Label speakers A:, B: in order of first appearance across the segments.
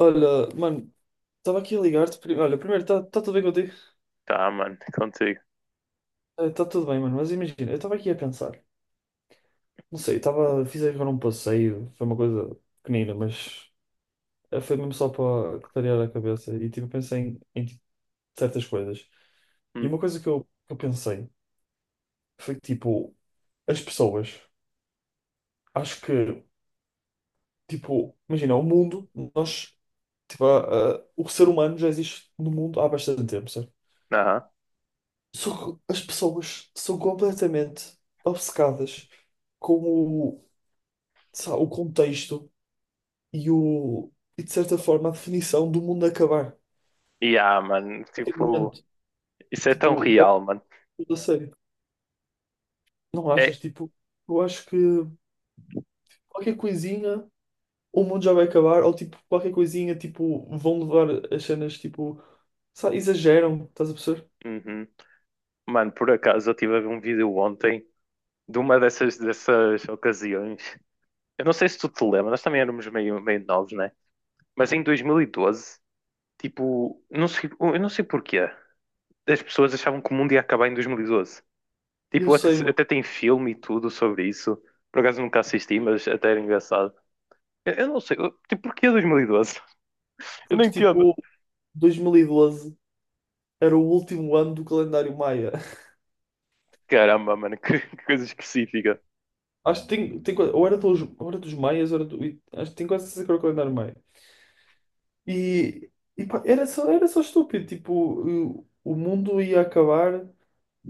A: Olha, mano, estava aqui a ligar-te. Olha, primeiro, está tudo bem contigo?
B: Tá, mano, contigo.
A: Está tudo bem, mano, mas imagina, eu estava aqui a pensar. Não sei, estava, fiz agora um passeio, foi uma coisa pequenina, mas foi mesmo só para clarear a cabeça e tipo, pensei em, tipo, certas coisas. E
B: Hum.
A: uma coisa que eu pensei foi que, tipo, as pessoas, acho que, tipo, imagina, o mundo, nós, tipo, o ser humano já existe no mundo há bastante tempo, certo?
B: Aham.
A: São- as pessoas são completamente obcecadas com o, sabe, o contexto e, o, e, de certa forma, a definição do mundo acabar. A
B: E mano,
A: qualquer
B: tipo,
A: momento.
B: isso é tão
A: Tipo, leva
B: real, mano.
A: tudo a sério. Não
B: É.
A: achas? Tipo, eu acho que qualquer coisinha o mundo já vai acabar, ou tipo, qualquer coisinha, tipo, vão levar as cenas, tipo, sabe, exageram, estás a perceber?
B: Uhum. Mano, por acaso eu tive a ver um vídeo ontem de uma dessas ocasiões. Eu não sei se tu te lembras, nós também éramos meio novos, né? Mas em 2012 tipo, não sei, eu não sei porquê, as pessoas achavam que o mundo ia acabar em 2012.
A: Eu
B: Tipo, até,
A: sei, mano,
B: até tem filme e tudo sobre isso. Por acaso nunca assisti, mas até era engraçado. Eu não sei, eu, tipo, porquê 2012. Eu não
A: porque
B: entendo.
A: tipo, 2012 era o último ano do calendário maia.
B: Caramba, mano, que coisa específica.
A: Acho que tem, tem ou era dos maias, ou era do, acho que tem quase certeza que era o calendário maia. E, e pá, era só estúpido, tipo, o mundo ia acabar,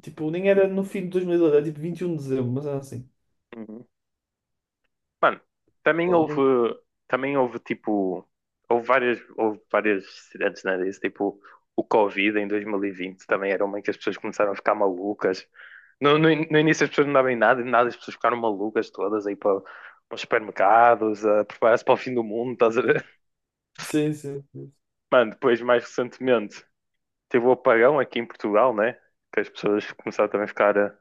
A: tipo, nem era no fim de 2012, era tipo 21 de dezembro, mas era assim.
B: Uhum. Mano, também
A: Pá,
B: houve,
A: não-
B: também houve tipo, houve várias cidades, né, disso, tipo, o Covid em 2020 também era uma em que as pessoas começaram a ficar malucas. No início as pessoas não davam em nada as pessoas ficaram malucas todas aí para, para os supermercados, a preparar-se para o fim do mundo, estás a ver?
A: Sim, sim, sim.
B: Mano, depois mais recentemente, teve o apagão aqui em Portugal, né? Que as pessoas começaram também a ficar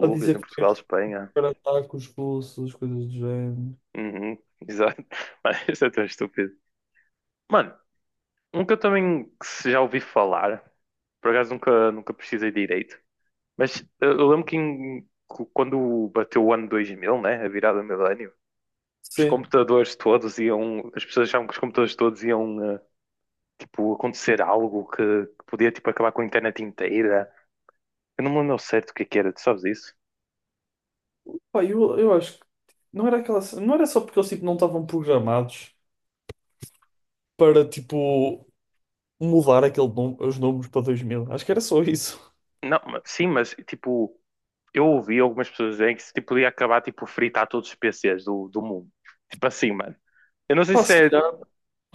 A: A dizer
B: em
A: que foi
B: Portugal, Espanha.
A: para ataques russos, coisas do género.
B: Uhum, exato. Mas isso é tão estúpido. Mano, um que eu também que se já ouvi falar, por acaso nunca precisei direito, mas eu lembro que quando bateu o ano 2000, né? A virada do milénio, os
A: Sim.
B: computadores todos iam. As pessoas achavam que os computadores todos iam, tipo, acontecer algo que podia, tipo, acabar com a internet inteira. Eu não me lembro certo o que é que era, tu sabes isso?
A: Pá, eu acho que não era aquela, não era só porque eles tipo, não estavam programados para, tipo, mudar aquele, nome- os números para dois mil. Acho que era só isso.
B: Não, sim, mas tipo, eu ouvi algumas pessoas dizerem que se tipo, podia acabar tipo fritar todos os PCs do mundo. Tipo assim, mano. Eu não sei
A: Pá,
B: se
A: se
B: é,
A: calhar.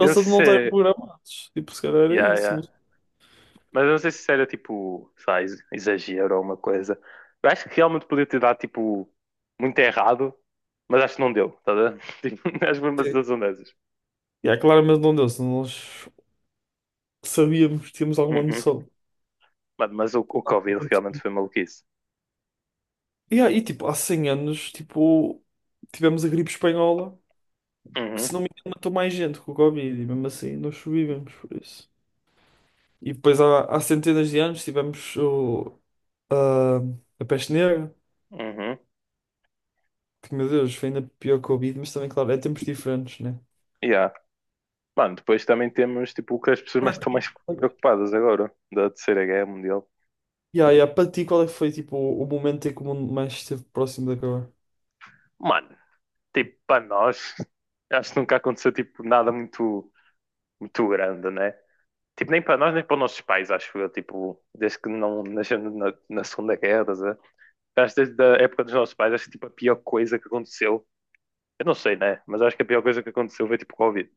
B: eu não sei
A: de não
B: se
A: estarem
B: é,
A: programados. Tipo, se calhar era
B: yeah,
A: isso.
B: yeah.
A: Não
B: Mas eu não sei se era tipo, sei lá, exagero ou uma coisa. Eu acho que realmente podia ter dado tipo muito errado, mas acho que não deu, tá a ver? Tipo, acho que foi uma
A: sei.
B: situação dessas.
A: Yeah, claramente não deu, se nós sabíamos, tínhamos alguma
B: Uhum.
A: noção
B: Mano, mas o
A: do que
B: Covid realmente
A: acontecia.
B: foi maluquice.
A: Yeah, e tipo, há 100 anos, tipo, tivemos a gripe espanhola, que
B: Uhum,
A: se não me engano matou mais gente com o Covid, e mesmo assim nós sobrevivemos por isso. E depois há centenas de anos tivemos a, a peste negra,
B: uhum,
A: que meu Deus, foi ainda pior que o Covid, mas também, claro, é tempos diferentes, né?
B: yeah. Mano, depois também temos tipo o que as pessoas mais
A: Para
B: estão mais
A: ti.
B: preocupadas agora, da Terceira Guerra Mundial.
A: Yeah, yeah. Para ti, qual é que foi tipo, o momento em que o mundo mais esteve próximo de acabar?
B: Mano, tipo, para nós, acho que nunca aconteceu tipo nada muito, muito grande, né? Tipo, nem para nós, nem para os nossos pais, acho eu, tipo, desde que não nascemos na Segunda Guerra, estás a ver? Acho que desde a época dos nossos pais, acho que tipo a pior coisa que aconteceu, eu não sei, né? Mas acho que a pior coisa que aconteceu foi tipo Covid.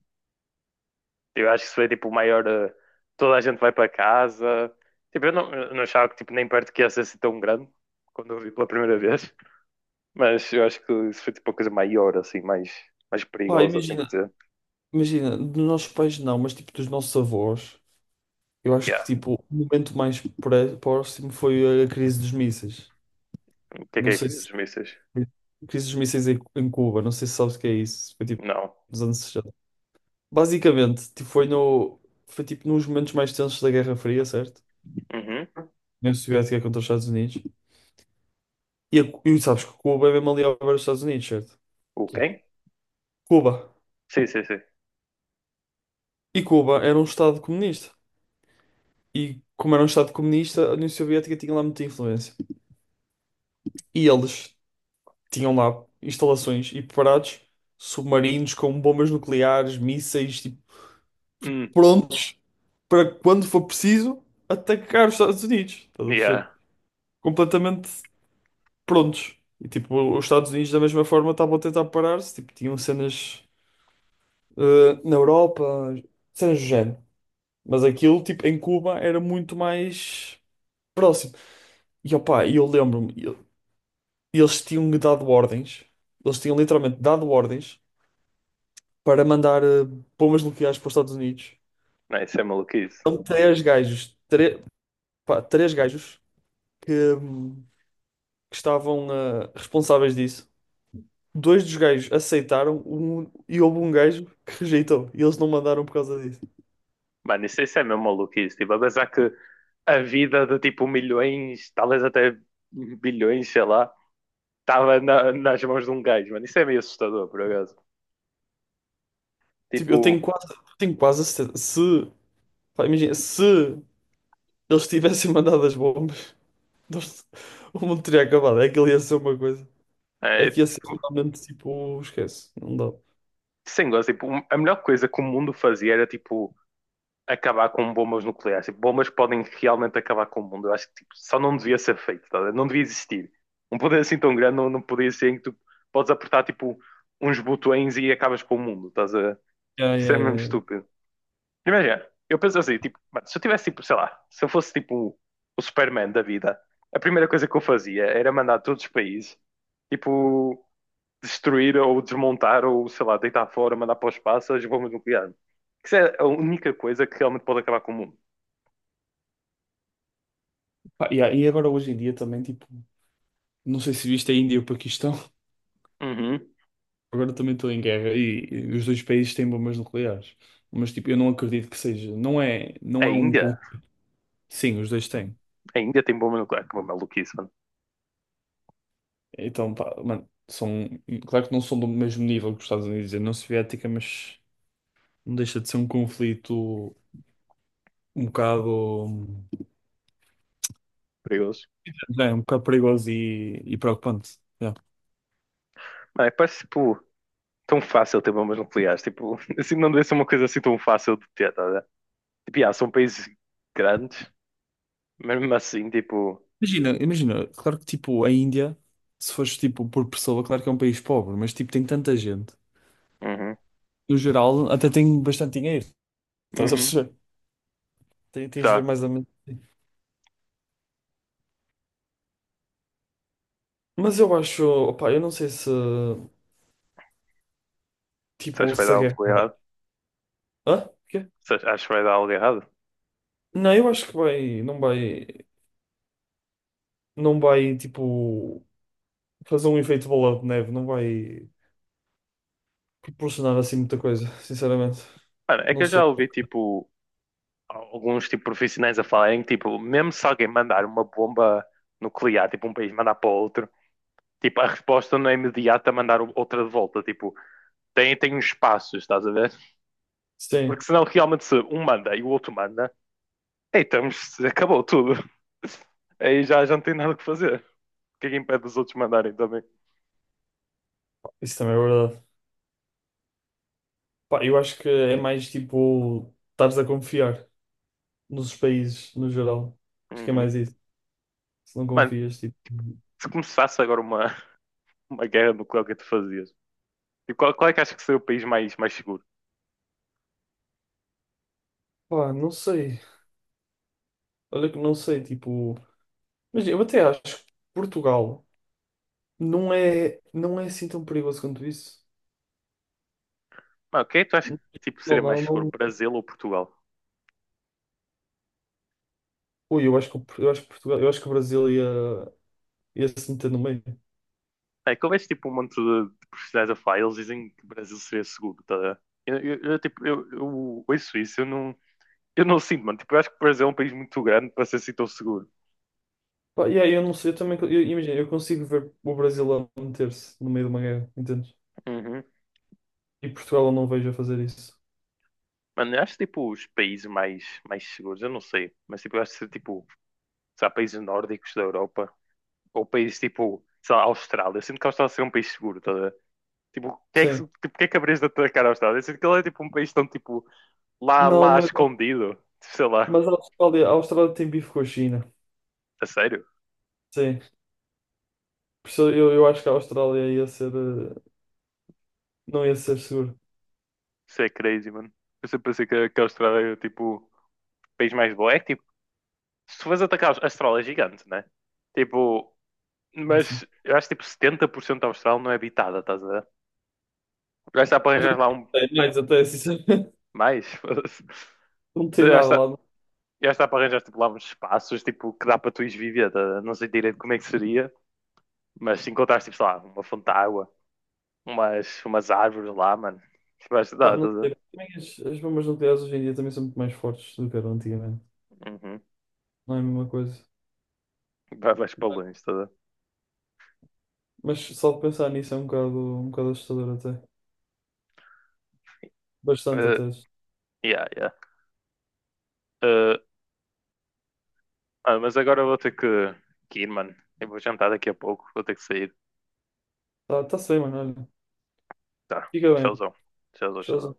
B: Eu acho que isso foi tipo o maior. Toda a gente vai para casa. Tipo, eu não achava que tipo, nem perto que ia ser assim tão grande quando eu vi pela primeira vez. Mas eu acho que isso foi tipo a coisa maior, assim, mais
A: Pá,
B: perigosa, assim por dizer.
A: imagina, dos nossos pais não, mas tipo dos nossos avós, eu acho que
B: Yeah.
A: tipo, o momento mais próximo foi a crise dos mísseis.
B: O que
A: Não
B: é a
A: sei
B: crise
A: se.
B: dos mísseis?
A: A crise dos mísseis em Cuba, não sei se sabes o que é isso. Foi tipo
B: Não.
A: nos anos 60. Basicamente, tipo, foi no. Foi tipo nos momentos mais tensos da Guerra Fria, certo?
B: Uhum.
A: União Soviética contra os Estados Unidos. E, e sabes que Cuba é mesmo ali ao ver os Estados Unidos, certo?
B: O
A: Sim.
B: quem?
A: Cuba.
B: Sim, sim, sim.
A: E Cuba era um Estado comunista. E como era um Estado comunista, a União Soviética tinha lá muita influência. E eles tinham lá instalações e preparados submarinos com bombas nucleares, mísseis, tipo,
B: Hum.
A: prontos para quando for preciso atacar os Estados Unidos. Estás a
B: Yeah.
A: perceber? Completamente prontos. E tipo, os Estados Unidos da mesma forma estavam a tentar parar-se. Tipo, tinham cenas na Europa, cenas do género. Mas aquilo, tipo, em Cuba era muito mais próximo. E opa, eles tinham-me dado ordens, eles tinham literalmente dado ordens para mandar bombas nucleares para os Estados Unidos.
B: Não, isso é maluquice.
A: São três gajos, pá, três gajos que, hum, que estavam responsáveis disso. Dois dos gajos aceitaram um, e houve um gajo que rejeitou. E eles não mandaram por causa disso.
B: Mano, isso é mesmo maluquice. Tipo, a pensar que a vida de tipo milhões, talvez até bilhões, sei lá, estava nas mãos de um gajo, mano. Isso é meio assustador, por acaso.
A: Tipo,
B: Tipo,
A: tenho quase a certeza. Se, pá, imagina, se eles tivessem mandado as bombas, nós- o mundo teria acabado. É que ele ia ser uma coisa.
B: é,
A: Aqui a ser
B: tipo,
A: finalmente, tipo, esquece, não dá.
B: sem gosto, tipo, um, a melhor coisa que o mundo fazia era tipo acabar com bombas nucleares. Tipo, bombas podem realmente acabar com o mundo. Eu acho que tipo, só não devia ser feito, tá a ver? Não devia existir. Um poder assim tão grande não podia ser em que tu podes apertar tipo uns botões e acabas com o mundo. Estás a...
A: Yeah,
B: Isso
A: yeah,
B: é mesmo
A: yeah.
B: estúpido. Imagina, eu penso assim, tipo, mano, se eu tivesse tipo, sei lá, se eu fosse tipo o Superman da vida, a primeira coisa que eu fazia era mandar todos os países, tipo, destruir ou desmontar ou, sei lá, deitar fora, mandar para o espaço as bombas nucleares. Isso é a única coisa que realmente pode acabar com o mundo.
A: Pá, yeah, e agora hoje em dia também, tipo, não sei se viste a Índia e o Paquistão,
B: Uhum.
A: agora também estão em guerra e os dois países têm bombas nucleares. Mas, tipo, eu não acredito que seja. Não
B: A
A: é um.
B: Índia?
A: Con- Sim, os dois têm.
B: A Índia tem bomba nuclear. Que bomba maluquice, mano.
A: Então, pá, mano, são. Claro que não são do mesmo nível que os Estados Unidos e a União Soviética, mas não deixa de ser um conflito um bocado.
B: Perigoso.
A: É, um bocado perigoso e preocupante.
B: Mano, é, parece, tipo, tão fácil ter bombas nucleares. Tipo, assim, não deve ser uma coisa assim tão fácil de ter, tá a ver? Tipo, yeah, são países grandes, mas mesmo assim, tipo...
A: Imagina, claro que tipo a Índia, se fores tipo por pessoa, claro que é um país pobre, mas tipo tem tanta gente.
B: Uhum.
A: No geral, até tem bastante dinheiro. Estás a
B: Uhum.
A: perceber? Tem- Tens de ver
B: Tá.
A: mais ou menos assim. Mas eu acho, opá, eu não sei se,
B: Você acha
A: tipo,
B: que vai
A: se
B: dar
A: a guerra.
B: algo errado?
A: Hã? Quê?
B: Você acha que vai dar algo errado?
A: Não, eu acho que vai, não vai, tipo, fazer um efeito bola de neve, não vai proporcionar assim muita coisa, sinceramente.
B: Mano, é que
A: Não
B: eu
A: sei.
B: já ouvi, tipo, alguns tipo profissionais a falarem que tipo, mesmo se alguém mandar uma bomba nuclear, tipo um país mandar para outro, tipo a resposta não é imediata a mandar outra de volta, tipo, tem uns espaços, estás a ver?
A: Sim,
B: Porque senão realmente se um manda e o outro manda, aí estamos, acabou tudo. Aí já, já não tem nada que fazer. O que é que impede os outros mandarem também?
A: isso também é verdade. Pá, eu acho que é mais tipo, estares a confiar nos países no geral. Acho que é
B: Uhum.
A: mais isso. Se não
B: Mano,
A: confias, tipo.
B: se começasse agora uma guerra nuclear, o que é que tu fazias? E qual é que achas que seria o país mais seguro?
A: Pá, não sei. Olha que não sei, tipo. Mas eu até acho que Portugal não é assim tão perigoso quanto isso.
B: Mano, o que é que tu achas que tipo,
A: Não,
B: seria mais
A: não,
B: seguro?
A: não.
B: Brasil ou Portugal?
A: Ui, eu acho que, eu acho que Portugal, eu acho que o Brasil ia se meter no meio.
B: É que houvesse tipo um monte de personagens a falar, eles dizem que o Brasil seria seguro, tá a ver? Eu, tipo, eu ouço isso, eu não sinto, mano. Tipo, eu acho que o Brasil é um país muito grande para ser assim tão seguro.
A: Pá, e aí eu não sei, eu também. Eu- imagina, eu consigo ver o Brasil a meter-se no meio de uma guerra, entendes?
B: Uhum.
A: E Portugal eu não vejo a fazer isso.
B: Mano, eu acho tipo os países mais seguros, eu não sei, mas tipo, eu acho que tipo, sei lá, países nórdicos da Europa, ou países tipo, sei lá, Austrália. Eu sinto que a Austrália seria um país seguro, tá a ver? Tipo, o que é que,
A: Sim.
B: tipo, o que é que haverias de atacar a Austrália? Eu sinto que ele é tipo um país tão tipo, lá,
A: Não,
B: lá escondido, sei lá,
A: mas a Austrália tem bife com a China.
B: a sério.
A: Sim. Por isso eu acho que a Austrália ia ser, não ia ser seguro.
B: Isso é crazy, mano. Eu sempre pensei que a Austrália era tipo o país mais bom. É que tipo, se tu fores atacar a Austrália é gigante, né? Tipo,
A: É assim.
B: mas eu acho que tipo 70% da Austrália não é habitada, estás a ver? Eu acho que dá para
A: Acho
B: arranjar
A: que
B: lá um
A: tem mais até, sinceramente.
B: mais. Foda-se.
A: Não tem
B: Eu acho
A: nada
B: que dá-
A: lá.
B: eu acho que dá para arranjar tipo, lá uns espaços tipo, que dá para tu ires viver. Estás a ver? Não sei direito como é que seria, mas se encontrares tipo, sei lá, uma fonte de água, umas árvores lá, mano. Vais,
A: Pá,
B: dá,
A: não
B: estás a ver?
A: tem. Também as bombas nucleares hoje em dia também são muito mais fortes do que eram antigamente.
B: Uhum.
A: Não é a mesma coisa.
B: Vais para longe, estás a ver?
A: Mas só de pensar nisso é um bocado assustador até. Bastante
B: Eh,
A: até.
B: yeah, yeah. Eh, Ah, mas agora eu vou ter que ir, mano. Eu vou jantar daqui a pouco, vou ter que sair.
A: Tá, tá-se bem, mano. Olha.
B: Tá,
A: Fica bem.
B: tchauzão. Tchauzão, tchauzão.
A: Tchauzão.